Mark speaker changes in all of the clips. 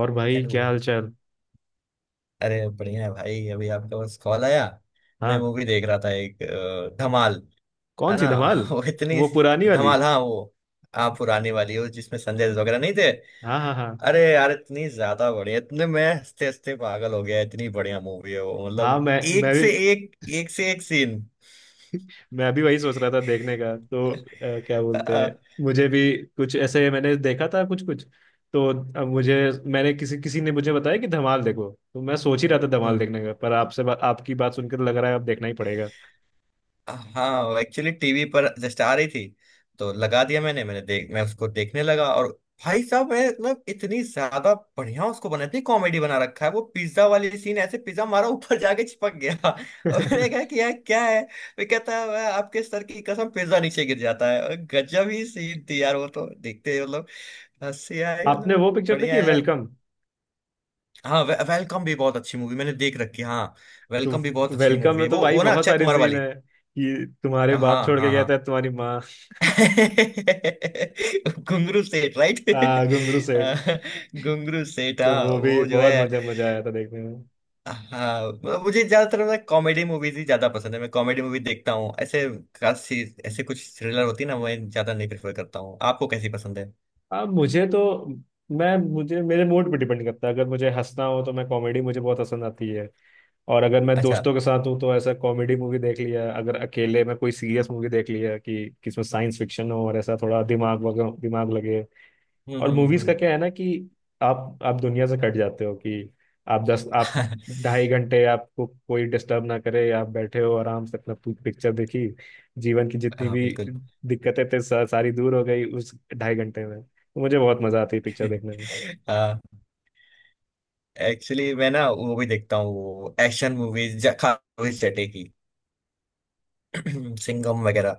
Speaker 1: और भाई क्या
Speaker 2: हेलो।
Speaker 1: हाल चाल।
Speaker 2: अरे बढ़िया है भाई। अभी आपका बस कॉल आया। मैं
Speaker 1: हाँ।
Speaker 2: मूवी देख रहा था एक धमाल।
Speaker 1: कौन
Speaker 2: है
Speaker 1: सी
Speaker 2: ना।
Speaker 1: धमाल।
Speaker 2: वो इतनी
Speaker 1: वो पुरानी वाली।
Speaker 2: धमाल। हाँ वो। हाँ पुरानी वाली वो जिसमें संजय दत्त वगैरह नहीं थे।
Speaker 1: हाँ हाँ हाँ।
Speaker 2: अरे यार इतनी ज्यादा बढ़िया इतने मैं हंसते हंसते पागल हो गया। इतनी बढ़िया मूवी है वो
Speaker 1: हाँ
Speaker 2: मतलब।
Speaker 1: मैं भी।
Speaker 2: एक से एक सीन।
Speaker 1: मैं भी वही सोच रहा था देखने का क्या बोलते हैं।
Speaker 2: हम्म।
Speaker 1: मुझे भी कुछ ऐसे मैंने देखा था कुछ कुछ। तो अब मुझे मैंने किसी किसी ने मुझे बताया कि धमाल देखो, तो मैं सोच ही रहा था धमाल देखने का, पर आपकी बात सुनकर तो लग रहा है अब देखना ही पड़ेगा।
Speaker 2: हाँ एक्चुअली टीवी पर जस्ट आ रही थी तो लगा दिया मैंने मैंने देख मैं उसको देखने लगा। और भाई साहब मैं मतलब इतनी ज्यादा बढ़िया उसको बना इतनी कॉमेडी बना रखा है। वो पिज्जा वाली सीन ऐसे पिज्जा मारा ऊपर जाके चिपक गया। और मैंने कहा कि यार क्या है वो कहता है "मैं आपके सर की कसम पिज्जा नीचे गिर जाता है और गजब ही सीन थी यार। वो तो देखते ही मतलब हंसी आए
Speaker 1: आपने वो
Speaker 2: मतलब
Speaker 1: पिक्चर देखी है,
Speaker 2: बढ़िया है।
Speaker 1: वेलकम।
Speaker 2: हाँ वेलकम भी बहुत अच्छी मूवी मैंने देख रखी है हाँ।
Speaker 1: तो
Speaker 2: वेलकम भी बहुत अच्छी
Speaker 1: वेलकम
Speaker 2: मूवी
Speaker 1: में
Speaker 2: है
Speaker 1: तो
Speaker 2: वो।
Speaker 1: भाई
Speaker 2: वो ना
Speaker 1: बहुत
Speaker 2: अक्षय
Speaker 1: सारी
Speaker 2: कुमार
Speaker 1: सीन
Speaker 2: वाली।
Speaker 1: है कि तुम्हारे
Speaker 2: हाँ
Speaker 1: बाप छोड़
Speaker 2: हाँ
Speaker 1: के गया
Speaker 2: हाँ।
Speaker 1: था तुम्हारी माँ।
Speaker 2: घुंगरू सेठ राइट।
Speaker 1: घुंगरू सेठ।
Speaker 2: घुंगरू सेठ
Speaker 1: तो
Speaker 2: हाँ
Speaker 1: वो भी
Speaker 2: वो जो
Speaker 1: बहुत
Speaker 2: है।
Speaker 1: मजा मजा आया था देखने में।
Speaker 2: हाँ मुझे ज्यादातर ना कॉमेडी मूवीज ही ज्यादा पसंद है। मैं कॉमेडी मूवी देखता हूँ ऐसे। खास चीज ऐसे कुछ थ्रिलर होती है ना मैं ज्यादा नहीं प्रेफर करता हूँ। आपको कैसी पसंद है।
Speaker 1: अब मुझे तो मैं मुझे मेरे मूड पे डिपेंड करता है। अगर मुझे हंसना हो तो मैं कॉमेडी, मुझे बहुत पसंद आती है। और अगर मैं
Speaker 2: अच्छा।
Speaker 1: दोस्तों के साथ हूँ तो ऐसा कॉमेडी मूवी देख लिया, अगर अकेले मैं कोई सीरियस मूवी देख लिया कि किसमें साइंस फिक्शन हो और ऐसा थोड़ा दिमाग वगैरह दिमाग लगे।
Speaker 2: हम्म,
Speaker 1: और
Speaker 2: हम्म,
Speaker 1: मूवीज का
Speaker 2: हम्म।
Speaker 1: क्या है ना कि आप दुनिया से कट जाते हो कि आप 2.5 घंटे आपको कोई डिस्टर्ब ना करे, आप बैठे हो आराम से अपना पिक्चर देखी। जीवन की जितनी
Speaker 2: हाँ
Speaker 1: भी
Speaker 2: बिल्कुल।
Speaker 1: दिक्कतें थे सारी दूर हो गई उस 2.5 घंटे में, तो मुझे बहुत मजा आती है पिक्चर देखने में।
Speaker 2: हाँ एक्चुअली मैं ना वो भी देखता हूँ वो एक्शन मूवीज खास जटे की। सिंघम वगैरह।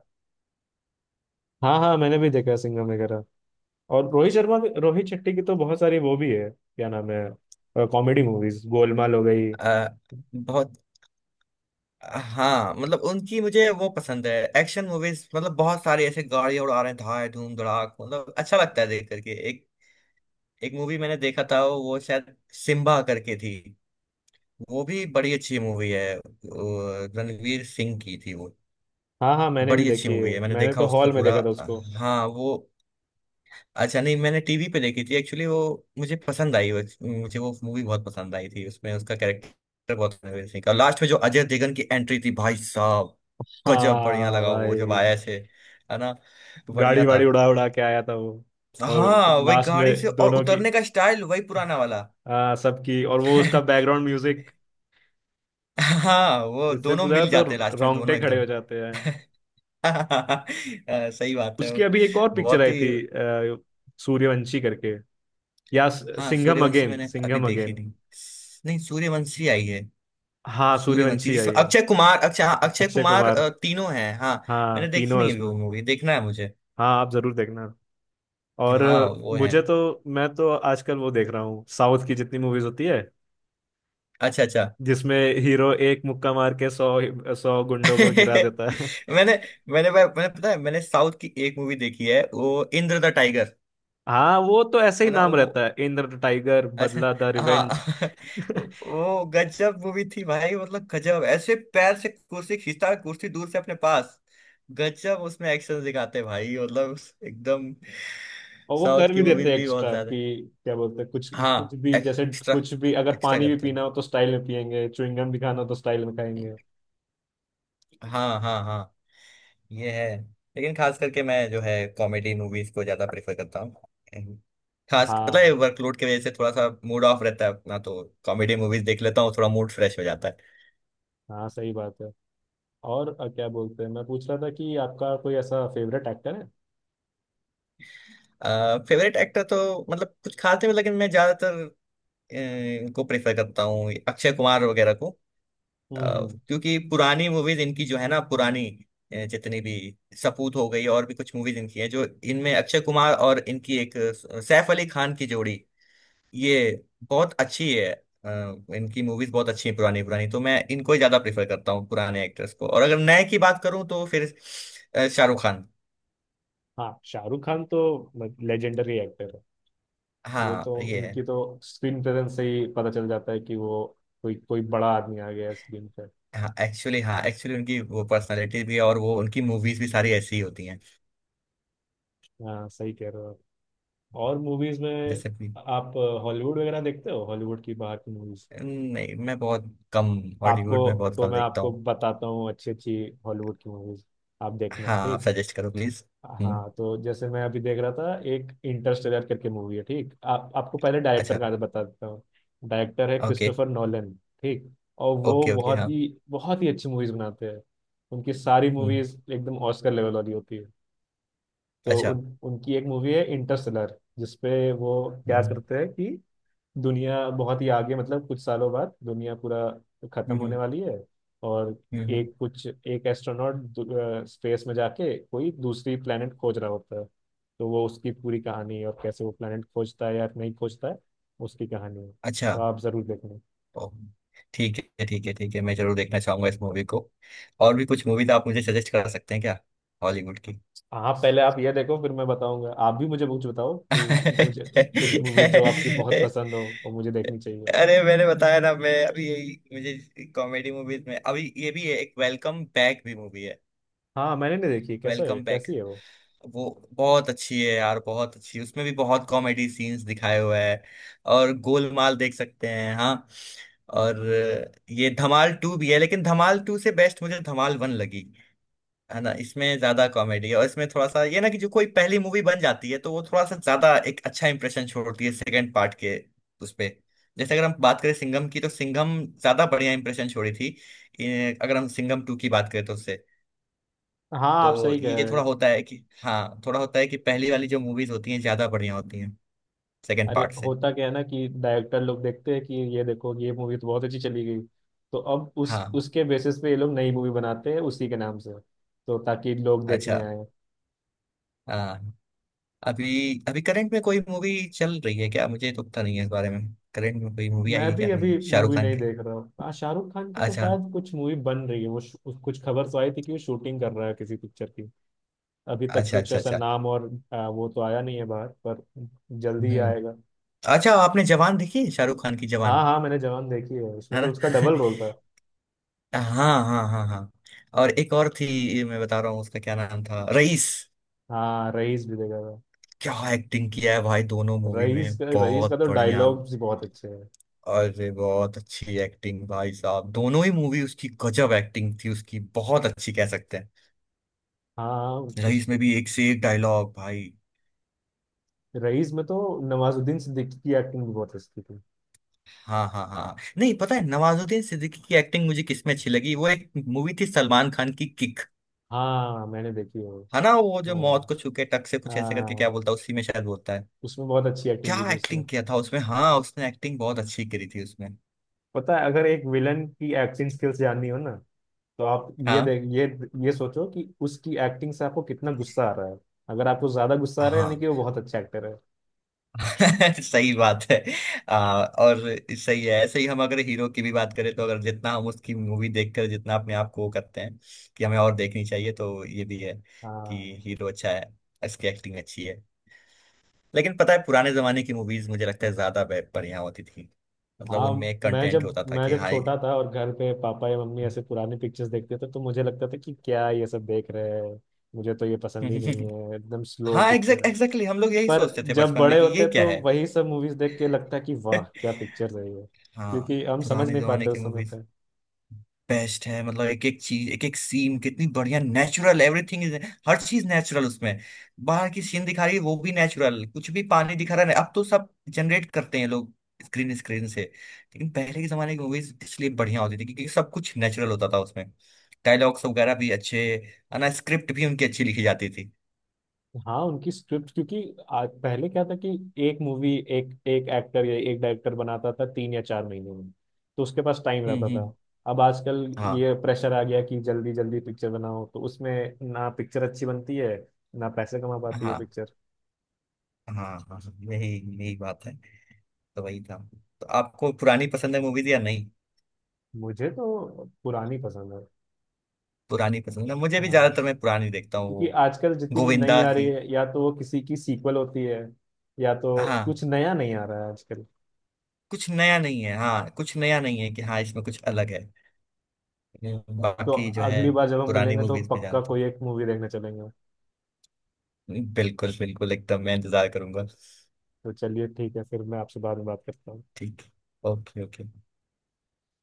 Speaker 1: हाँ हाँ, मैंने भी देखा है सिंघम वगैरह, और रोहित शर्मा रोहित शेट्टी की तो बहुत सारी वो भी है, क्या नाम है, कॉमेडी मूवीज गोलमाल हो गई।
Speaker 2: आ, बहुत। हाँ मतलब उनकी मुझे वो पसंद है एक्शन मूवीज मतलब बहुत सारे ऐसे गाड़ियां उड़ा रहे हैं धाए धूम धड़ाक मतलब अच्छा लगता है देख करके। एक एक मूवी मैंने देखा था वो शायद सिम्बा करके थी। वो भी बड़ी अच्छी मूवी है वो रणवीर सिंह की थी वो
Speaker 1: हाँ हाँ, मैंने भी
Speaker 2: बड़ी अच्छी
Speaker 1: देखी है,
Speaker 2: मूवी है। मैंने
Speaker 1: मैंने
Speaker 2: देखा
Speaker 1: तो
Speaker 2: उसको
Speaker 1: हॉल में
Speaker 2: पूरा।
Speaker 1: देखा था उसको।
Speaker 2: हाँ वो। अच्छा नहीं मैंने टीवी पे देखी थी एक्चुअली वो। मुझे पसंद आई वो। मुझे वो मूवी बहुत पसंद आई थी। उसमें उसका कैरेक्टर बहुत कन्विंसिंग और लास्ट में जो अजय देवगन की एंट्री थी भाई साहब गजब बढ़िया
Speaker 1: हाँ
Speaker 2: लगा वो जब
Speaker 1: भाई,
Speaker 2: आया से। है ना। बढ़िया
Speaker 1: गाड़ी
Speaker 2: था।
Speaker 1: वाड़ी उड़ा उड़ा के आया था वो। और
Speaker 2: हाँ वही
Speaker 1: लास्ट
Speaker 2: गाड़ी से
Speaker 1: में
Speaker 2: और
Speaker 1: दोनों की,
Speaker 2: उतरने का स्टाइल वही पुराना वाला।
Speaker 1: हाँ सबकी, और वो उसका बैकग्राउंड म्यूजिक।
Speaker 2: हाँ वो
Speaker 1: इससे
Speaker 2: दोनों
Speaker 1: पूछा
Speaker 2: मिल
Speaker 1: तो
Speaker 2: जाते लास्ट में
Speaker 1: रोंगटे
Speaker 2: दोनों
Speaker 1: खड़े
Speaker 2: एकदम।
Speaker 1: हो जाते हैं।
Speaker 2: हाँ, सही बात है
Speaker 1: उसकी
Speaker 2: वो।
Speaker 1: अभी एक और पिक्चर
Speaker 2: बहुत
Speaker 1: आई
Speaker 2: ही।
Speaker 1: थी सूर्यवंशी करके, या
Speaker 2: हाँ
Speaker 1: सिंघम
Speaker 2: सूर्यवंशी
Speaker 1: अगेन,
Speaker 2: मैंने अभी
Speaker 1: सिंघम
Speaker 2: देखी
Speaker 1: अगेन।
Speaker 2: नहीं। नहीं सूर्यवंशी आई है।
Speaker 1: हाँ
Speaker 2: सूर्यवंशी
Speaker 1: सूर्यवंशी आई
Speaker 2: जिसमें
Speaker 1: है।
Speaker 2: अक्षय कुमार अक्षय हाँ अक्षय
Speaker 1: अक्षय
Speaker 2: कुमार
Speaker 1: कुमार,
Speaker 2: तीनों हैं। हाँ
Speaker 1: हाँ
Speaker 2: मैंने देखी
Speaker 1: तीनों है
Speaker 2: नहीं है
Speaker 1: इसमें।
Speaker 2: वो मूवी। देखना है मुझे।
Speaker 1: हाँ आप जरूर देखना। और
Speaker 2: हाँ वो है।
Speaker 1: मुझे तो मैं तो आजकल वो देख रहा हूँ, साउथ की जितनी मूवीज होती है
Speaker 2: अच्छा अच्छा।
Speaker 1: जिसमें हीरो एक मुक्का मार के सौ सौ गुंडों को गिरा देता है।
Speaker 2: मैंने मैंने भाई मैंने पता है मैंने साउथ की एक मूवी देखी है वो इंद्र द टाइगर।
Speaker 1: हाँ वो तो ऐसे
Speaker 2: है
Speaker 1: ही
Speaker 2: ना
Speaker 1: नाम
Speaker 2: वो।
Speaker 1: रहता है, इंद्र द टाइगर,
Speaker 2: अच्छा।
Speaker 1: बदला द रिवेंज।
Speaker 2: हाँ। वो गजब मूवी थी भाई मतलब गजब ऐसे पैर से कुर्सी खींचता कुर्सी दूर से अपने पास। गजब उसमें एक्शन दिखाते भाई मतलब एकदम।
Speaker 1: और वो कर
Speaker 2: साउथ की
Speaker 1: भी देते
Speaker 2: मूवीज
Speaker 1: हैं
Speaker 2: भी बहुत
Speaker 1: एक्स्ट्रा
Speaker 2: ज्यादा।
Speaker 1: कि क्या बोलते हैं, कुछ
Speaker 2: हाँ
Speaker 1: कुछ भी, जैसे
Speaker 2: एक्स्ट्रा
Speaker 1: कुछ भी अगर
Speaker 2: एक्स्ट्रा
Speaker 1: पानी भी
Speaker 2: करते हो।
Speaker 1: पीना हो तो स्टाइल में पियेंगे, च्युइंगम भी खाना हो तो स्टाइल में खाएंगे।
Speaker 2: हाँ हाँ हाँ। ये है। लेकिन खास करके मैं जो है कॉमेडी मूवीज को ज्यादा प्रेफर करता हूँ। खास
Speaker 1: हाँ
Speaker 2: मतलब वर्कलोड की वजह से थोड़ा सा मूड ऑफ रहता है अपना तो कॉमेडी मूवीज देख लेता हूँ। थोड़ा मूड फ्रेश हो जाता
Speaker 1: हाँ, सही बात है। और क्या बोलते हैं, मैं पूछ रहा था कि आपका कोई ऐसा फेवरेट एक्टर है।
Speaker 2: है। फेवरेट एक्टर तो मतलब कुछ खास नहीं लेकिन मैं ज्यादातर इनको प्रेफर करता हूँ अक्षय कुमार वगैरह को।
Speaker 1: हम्म।
Speaker 2: क्योंकि पुरानी मूवीज इनकी जो है ना पुरानी जितनी भी सपूत हो गई और भी कुछ मूवीज इनकी है जो इनमें अक्षय कुमार और इनकी एक सैफ अली खान की जोड़ी ये बहुत अच्छी है। अ, इनकी मूवीज बहुत अच्छी हैं पुरानी पुरानी तो मैं इनको ही ज्यादा प्रेफर करता हूँ पुराने एक्टर्स को। और अगर नए की बात करूँ तो फिर शाहरुख खान।
Speaker 1: हाँ शाहरुख खान तो लेजेंडरी एक्टर है। वो
Speaker 2: हाँ
Speaker 1: तो
Speaker 2: ये है।
Speaker 1: उनकी तो स्क्रीन प्रेजेंस से ही पता चल जाता है कि वो कोई कोई बड़ा आदमी आ गया है स्क्रीन पे।
Speaker 2: हाँ एक्चुअली उनकी वो पर्सनालिटी भी है और वो उनकी मूवीज भी सारी ऐसी ही होती हैं।
Speaker 1: हाँ सही कह रहे हो आप। और मूवीज में
Speaker 2: जैसे कि।
Speaker 1: आप हॉलीवुड वगैरह देखते हो, हॉलीवुड की बाहर की मूवीज।
Speaker 2: नहीं मैं बहुत कम
Speaker 1: आपको
Speaker 2: हॉलीवुड में बहुत
Speaker 1: तो
Speaker 2: कम
Speaker 1: मैं
Speaker 2: देखता
Speaker 1: आपको
Speaker 2: हूँ।
Speaker 1: बताता हूँ, अच्छी अच्छी हॉलीवुड की मूवीज आप देखना,
Speaker 2: हाँ आप
Speaker 1: ठीक।
Speaker 2: सजेस्ट करो प्लीज। हम्म।
Speaker 1: हाँ तो जैसे मैं अभी देख रहा था, एक इंटरस्टेलर करके मूवी है, ठीक। आप आपको पहले डायरेक्टर
Speaker 2: अच्छा।
Speaker 1: का बता देता हूँ। डायरेक्टर है
Speaker 2: ओके।
Speaker 1: क्रिस्टोफर नोलन, ठीक। और वो
Speaker 2: ओके ओके हाँ।
Speaker 1: बहुत ही अच्छी मूवीज बनाते हैं, उनकी सारी
Speaker 2: हम्म।
Speaker 1: मूवीज एकदम ऑस्कर लेवल वाली होती है। तो
Speaker 2: अच्छा।
Speaker 1: उन उनकी एक मूवी है इंटरस्टेलर, जिसपे वो क्या
Speaker 2: हम्म,
Speaker 1: करते हैं कि दुनिया बहुत ही आगे, मतलब कुछ सालों बाद दुनिया पूरा खत्म
Speaker 2: हम्म, हम्म।
Speaker 1: होने वाली है, और
Speaker 2: हम्म, हम्म,
Speaker 1: एक कुछ एक एस्ट्रोनॉट स्पेस में जाके कोई दूसरी प्लेनेट खोज रहा होता है, तो वो उसकी पूरी कहानी है और कैसे वो प्लेनेट खोजता है या नहीं खोजता है, उसकी कहानी है,
Speaker 2: अच्छा।
Speaker 1: तो आप जरूर देखना।
Speaker 2: ओ, ठीक है ठीक है ठीक है मैं जरूर देखना चाहूंगा इस मूवी को। और भी कुछ मूवीज आप मुझे सजेस्ट कर सकते हैं क्या हॉलीवुड की।
Speaker 1: हाँ पहले आप ये देखो, फिर मैं बताऊंगा। आप भी मुझे कुछ बताओ कि मुझे कुछ मूवीज जो आपकी बहुत पसंद हो और मुझे देखनी चाहिए।
Speaker 2: अरे मैंने बताया ना मैं अभी यही मुझे कॉमेडी मूवीज में अभी ये भी है एक वेलकम बैक भी मूवी है।
Speaker 1: हाँ मैंने नहीं देखी, कैसा है,
Speaker 2: वेलकम बैक
Speaker 1: कैसी है वो।
Speaker 2: वो बहुत अच्छी है यार बहुत अच्छी उसमें भी बहुत कॉमेडी सीन्स दिखाए हुए हैं। और गोलमाल देख सकते हैं हाँ। और ये धमाल टू भी है लेकिन धमाल टू से बेस्ट मुझे धमाल वन लगी। है ना। इसमें ज्यादा कॉमेडी है और इसमें थोड़ा सा ये ना कि जो कोई पहली मूवी बन जाती है तो वो थोड़ा सा ज्यादा एक अच्छा इंप्रेशन छोड़ती है सेकंड पार्ट के उस पे। जैसे अगर हम बात करें सिंघम की तो सिंघम ज्यादा बढ़िया इंप्रेशन छोड़ी थी। अगर हम सिंघम टू की बात करें तो उससे।
Speaker 1: हाँ आप
Speaker 2: तो
Speaker 1: सही कह
Speaker 2: ये
Speaker 1: रहे हैं।
Speaker 2: थोड़ा होता है कि हाँ थोड़ा होता है कि पहली वाली जो मूवीज होती हैं ज्यादा बढ़िया होती हैं सेकंड
Speaker 1: अरे
Speaker 2: पार्ट से।
Speaker 1: होता क्या है ना कि डायरेक्टर लोग देखते हैं कि ये देखो ये मूवी तो बहुत अच्छी चली गई, तो अब उस
Speaker 2: हाँ।
Speaker 1: उसके बेसिस पे ये लोग नई मूवी बनाते हैं उसी के नाम से, तो ताकि लोग
Speaker 2: अच्छा।
Speaker 1: देखने आए।
Speaker 2: हाँ। अभी अभी करंट में कोई मूवी चल रही है क्या मुझे तो पता नहीं है इस बारे में। करंट में कोई मूवी आई
Speaker 1: मैं
Speaker 2: है क्या
Speaker 1: भी
Speaker 2: नहीं
Speaker 1: अभी
Speaker 2: शाहरुख
Speaker 1: मूवी
Speaker 2: खान
Speaker 1: नहीं
Speaker 2: की।
Speaker 1: देख रहा हूँ। हाँ शाहरुख खान की तो
Speaker 2: अच्छा
Speaker 1: शायद कुछ मूवी बन रही है, वो कुछ खबर तो आई थी कि वो शूटिंग कर रहा है किसी पिक्चर की। अभी तक
Speaker 2: अच्छा
Speaker 1: कुछ
Speaker 2: अच्छा।
Speaker 1: ऐसा
Speaker 2: अच्छा।
Speaker 1: नाम और वो तो आया नहीं है बाहर पर। जल्दी ही
Speaker 2: हम्म।
Speaker 1: आएगा।
Speaker 2: अच्छा आपने जवान देखी है शाहरुख खान की
Speaker 1: हाँ
Speaker 2: जवान।
Speaker 1: हाँ, मैंने जवान देखी है, उसमें
Speaker 2: है
Speaker 1: तो
Speaker 2: ना।
Speaker 1: उसका डबल रोल था।
Speaker 2: हाँ हाँ हाँ हाँ। और एक और थी ये मैं बता रहा हूँ उसका क्या नाम था रईस।
Speaker 1: हाँ रईस भी देखा था।
Speaker 2: क्या एक्टिंग किया है भाई दोनों मूवी
Speaker 1: रईस
Speaker 2: में
Speaker 1: का रईस का
Speaker 2: बहुत
Speaker 1: तो
Speaker 2: बढ़िया।
Speaker 1: डायलॉग्स भी बहुत अच्छे हैं।
Speaker 2: अरे बहुत अच्छी एक्टिंग भाई साहब दोनों ही मूवी उसकी गजब एक्टिंग थी उसकी बहुत अच्छी कह सकते हैं।
Speaker 1: हाँ उस
Speaker 2: रईस में भी एक से एक डायलॉग भाई।
Speaker 1: रईस में तो नवाजुद्दीन सिद्दीकी की एक्टिंग भी बहुत अच्छी थी।
Speaker 2: हाँ हाँ हाँ नहीं पता है नवाजुद्दीन सिद्दीकी की एक्टिंग मुझे किसमें अच्छी लगी वो एक मूवी थी सलमान खान की किक।
Speaker 1: हाँ मैंने देखी है वो।
Speaker 2: है ना वो जो मौत
Speaker 1: हाँ
Speaker 2: को छू के टक से कुछ ऐसे करके क्या
Speaker 1: हाँ,
Speaker 2: बोलता है उसी में शायद बोलता है।
Speaker 1: उसमें बहुत अच्छी
Speaker 2: क्या
Speaker 1: एक्टिंग की थी उसने।
Speaker 2: एक्टिंग किया था उसमें। हाँ उसने एक्टिंग बहुत अच्छी करी थी उसमें।
Speaker 1: पता है, अगर एक विलन की एक्टिंग स्किल्स जाननी हो ना, तो आप ये
Speaker 2: हाँ
Speaker 1: देख ये ये सोचो कि उसकी एक्टिंग से आपको कितना गुस्सा आ रहा है। अगर आपको ज्यादा गुस्सा आ रहा है यानी
Speaker 2: हाँ।
Speaker 1: कि वो बहुत अच्छा एक्टर है।
Speaker 2: सही बात है। और सही है ऐसे ही हम अगर हीरो की भी बात करें तो अगर जितना हम उसकी मूवी देखकर जितना अपने आप को वो करते हैं कि हमें और देखनी चाहिए तो ये भी है कि
Speaker 1: हाँ
Speaker 2: हीरो अच्छा है। इसकी एक्टिंग अच्छी है। लेकिन पता है पुराने जमाने की मूवीज मुझे लगता है ज्यादा बढ़िया होती थी। मतलब
Speaker 1: हाँ,
Speaker 2: उनमें एक
Speaker 1: मैं
Speaker 2: कंटेंट
Speaker 1: जब
Speaker 2: होता था
Speaker 1: मैं
Speaker 2: कि
Speaker 1: जब
Speaker 2: हाँ।
Speaker 1: छोटा था और घर पे पापा या मम्मी ऐसे पुराने पिक्चर्स देखते थे तो मुझे लगता था कि क्या ये सब देख रहे हैं, मुझे तो ये पसंद ही नहीं है, एकदम स्लो
Speaker 2: हाँ
Speaker 1: पिक्चर
Speaker 2: एग्जैक्ट
Speaker 1: है।
Speaker 2: एग्जैक्टली हम लोग यही
Speaker 1: पर
Speaker 2: सोचते थे
Speaker 1: जब
Speaker 2: बचपन में
Speaker 1: बड़े
Speaker 2: कि ये
Speaker 1: होते
Speaker 2: क्या
Speaker 1: तो
Speaker 2: है।
Speaker 1: वही सब मूवीज देख के लगता है कि वाह क्या पिक्चर है ये,
Speaker 2: हाँ।
Speaker 1: क्योंकि हम समझ
Speaker 2: पुराने
Speaker 1: नहीं
Speaker 2: जमाने
Speaker 1: पाते
Speaker 2: की
Speaker 1: उस समय
Speaker 2: मूवीज
Speaker 1: पे।
Speaker 2: बेस्ट है मतलब एक एक चीज एक एक सीन कितनी बढ़िया नेचुरल एवरीथिंग इज। हर चीज नेचुरल उसमें। बाहर की सीन दिखा रही है वो भी नेचुरल कुछ भी पानी दिखा रहा है अब तो सब जनरेट करते हैं लोग स्क्रीन स्क्रीन से। लेकिन पहले के जमाने की मूवीज इसलिए बढ़िया होती थी क्योंकि सब कुछ नेचुरल होता था उसमें। डायलॉग्स वगैरह भी अच्छे। है ना। स्क्रिप्ट भी उनकी अच्छी लिखी जाती थी।
Speaker 1: हाँ उनकी स्क्रिप्ट, क्योंकि आज पहले क्या था कि एक मूवी एक एक एक्टर या एक डायरेक्टर बनाता था 3 या 4 महीने में, तो उसके पास टाइम
Speaker 2: हम्म,
Speaker 1: रहता था।
Speaker 2: हम्म,
Speaker 1: अब आजकल
Speaker 2: हाँ
Speaker 1: ये प्रेशर आ गया कि जल्दी जल्दी पिक्चर बनाओ, तो उसमें ना पिक्चर अच्छी बनती है, ना पैसे कमा पाती है
Speaker 2: हाँ
Speaker 1: पिक्चर।
Speaker 2: हाँ हाँ। यही यही बात है। तो वही था। तो आपको पुरानी पसंद है मूवीज या नहीं।
Speaker 1: मुझे तो पुरानी पसंद है।
Speaker 2: पुरानी पसंद है मुझे भी
Speaker 1: हाँ
Speaker 2: ज्यादातर मैं पुरानी देखता हूँ
Speaker 1: क्योंकि
Speaker 2: वो।
Speaker 1: आजकल जितनी भी नई
Speaker 2: गोविंदा
Speaker 1: आ रही
Speaker 2: की।
Speaker 1: है या तो वो किसी की सीक्वल होती है, या तो
Speaker 2: हाँ
Speaker 1: कुछ नया नहीं आ रहा है आजकल।
Speaker 2: कुछ नया नहीं है हाँ कुछ नया नहीं है कि हाँ इसमें कुछ अलग है।
Speaker 1: तो
Speaker 2: बाकी जो है
Speaker 1: अगली बार जब हम
Speaker 2: पुरानी
Speaker 1: मिलेंगे तो
Speaker 2: मूवीज में
Speaker 1: पक्का
Speaker 2: ज्यादातर
Speaker 1: कोई एक मूवी देखने चलेंगे।
Speaker 2: बिल्कुल बिल्कुल एकदम मैं इंतजार करूंगा।
Speaker 1: तो चलिए ठीक है, फिर मैं आपसे बाद में बात करता हूँ।
Speaker 2: ठीक। Okay okay.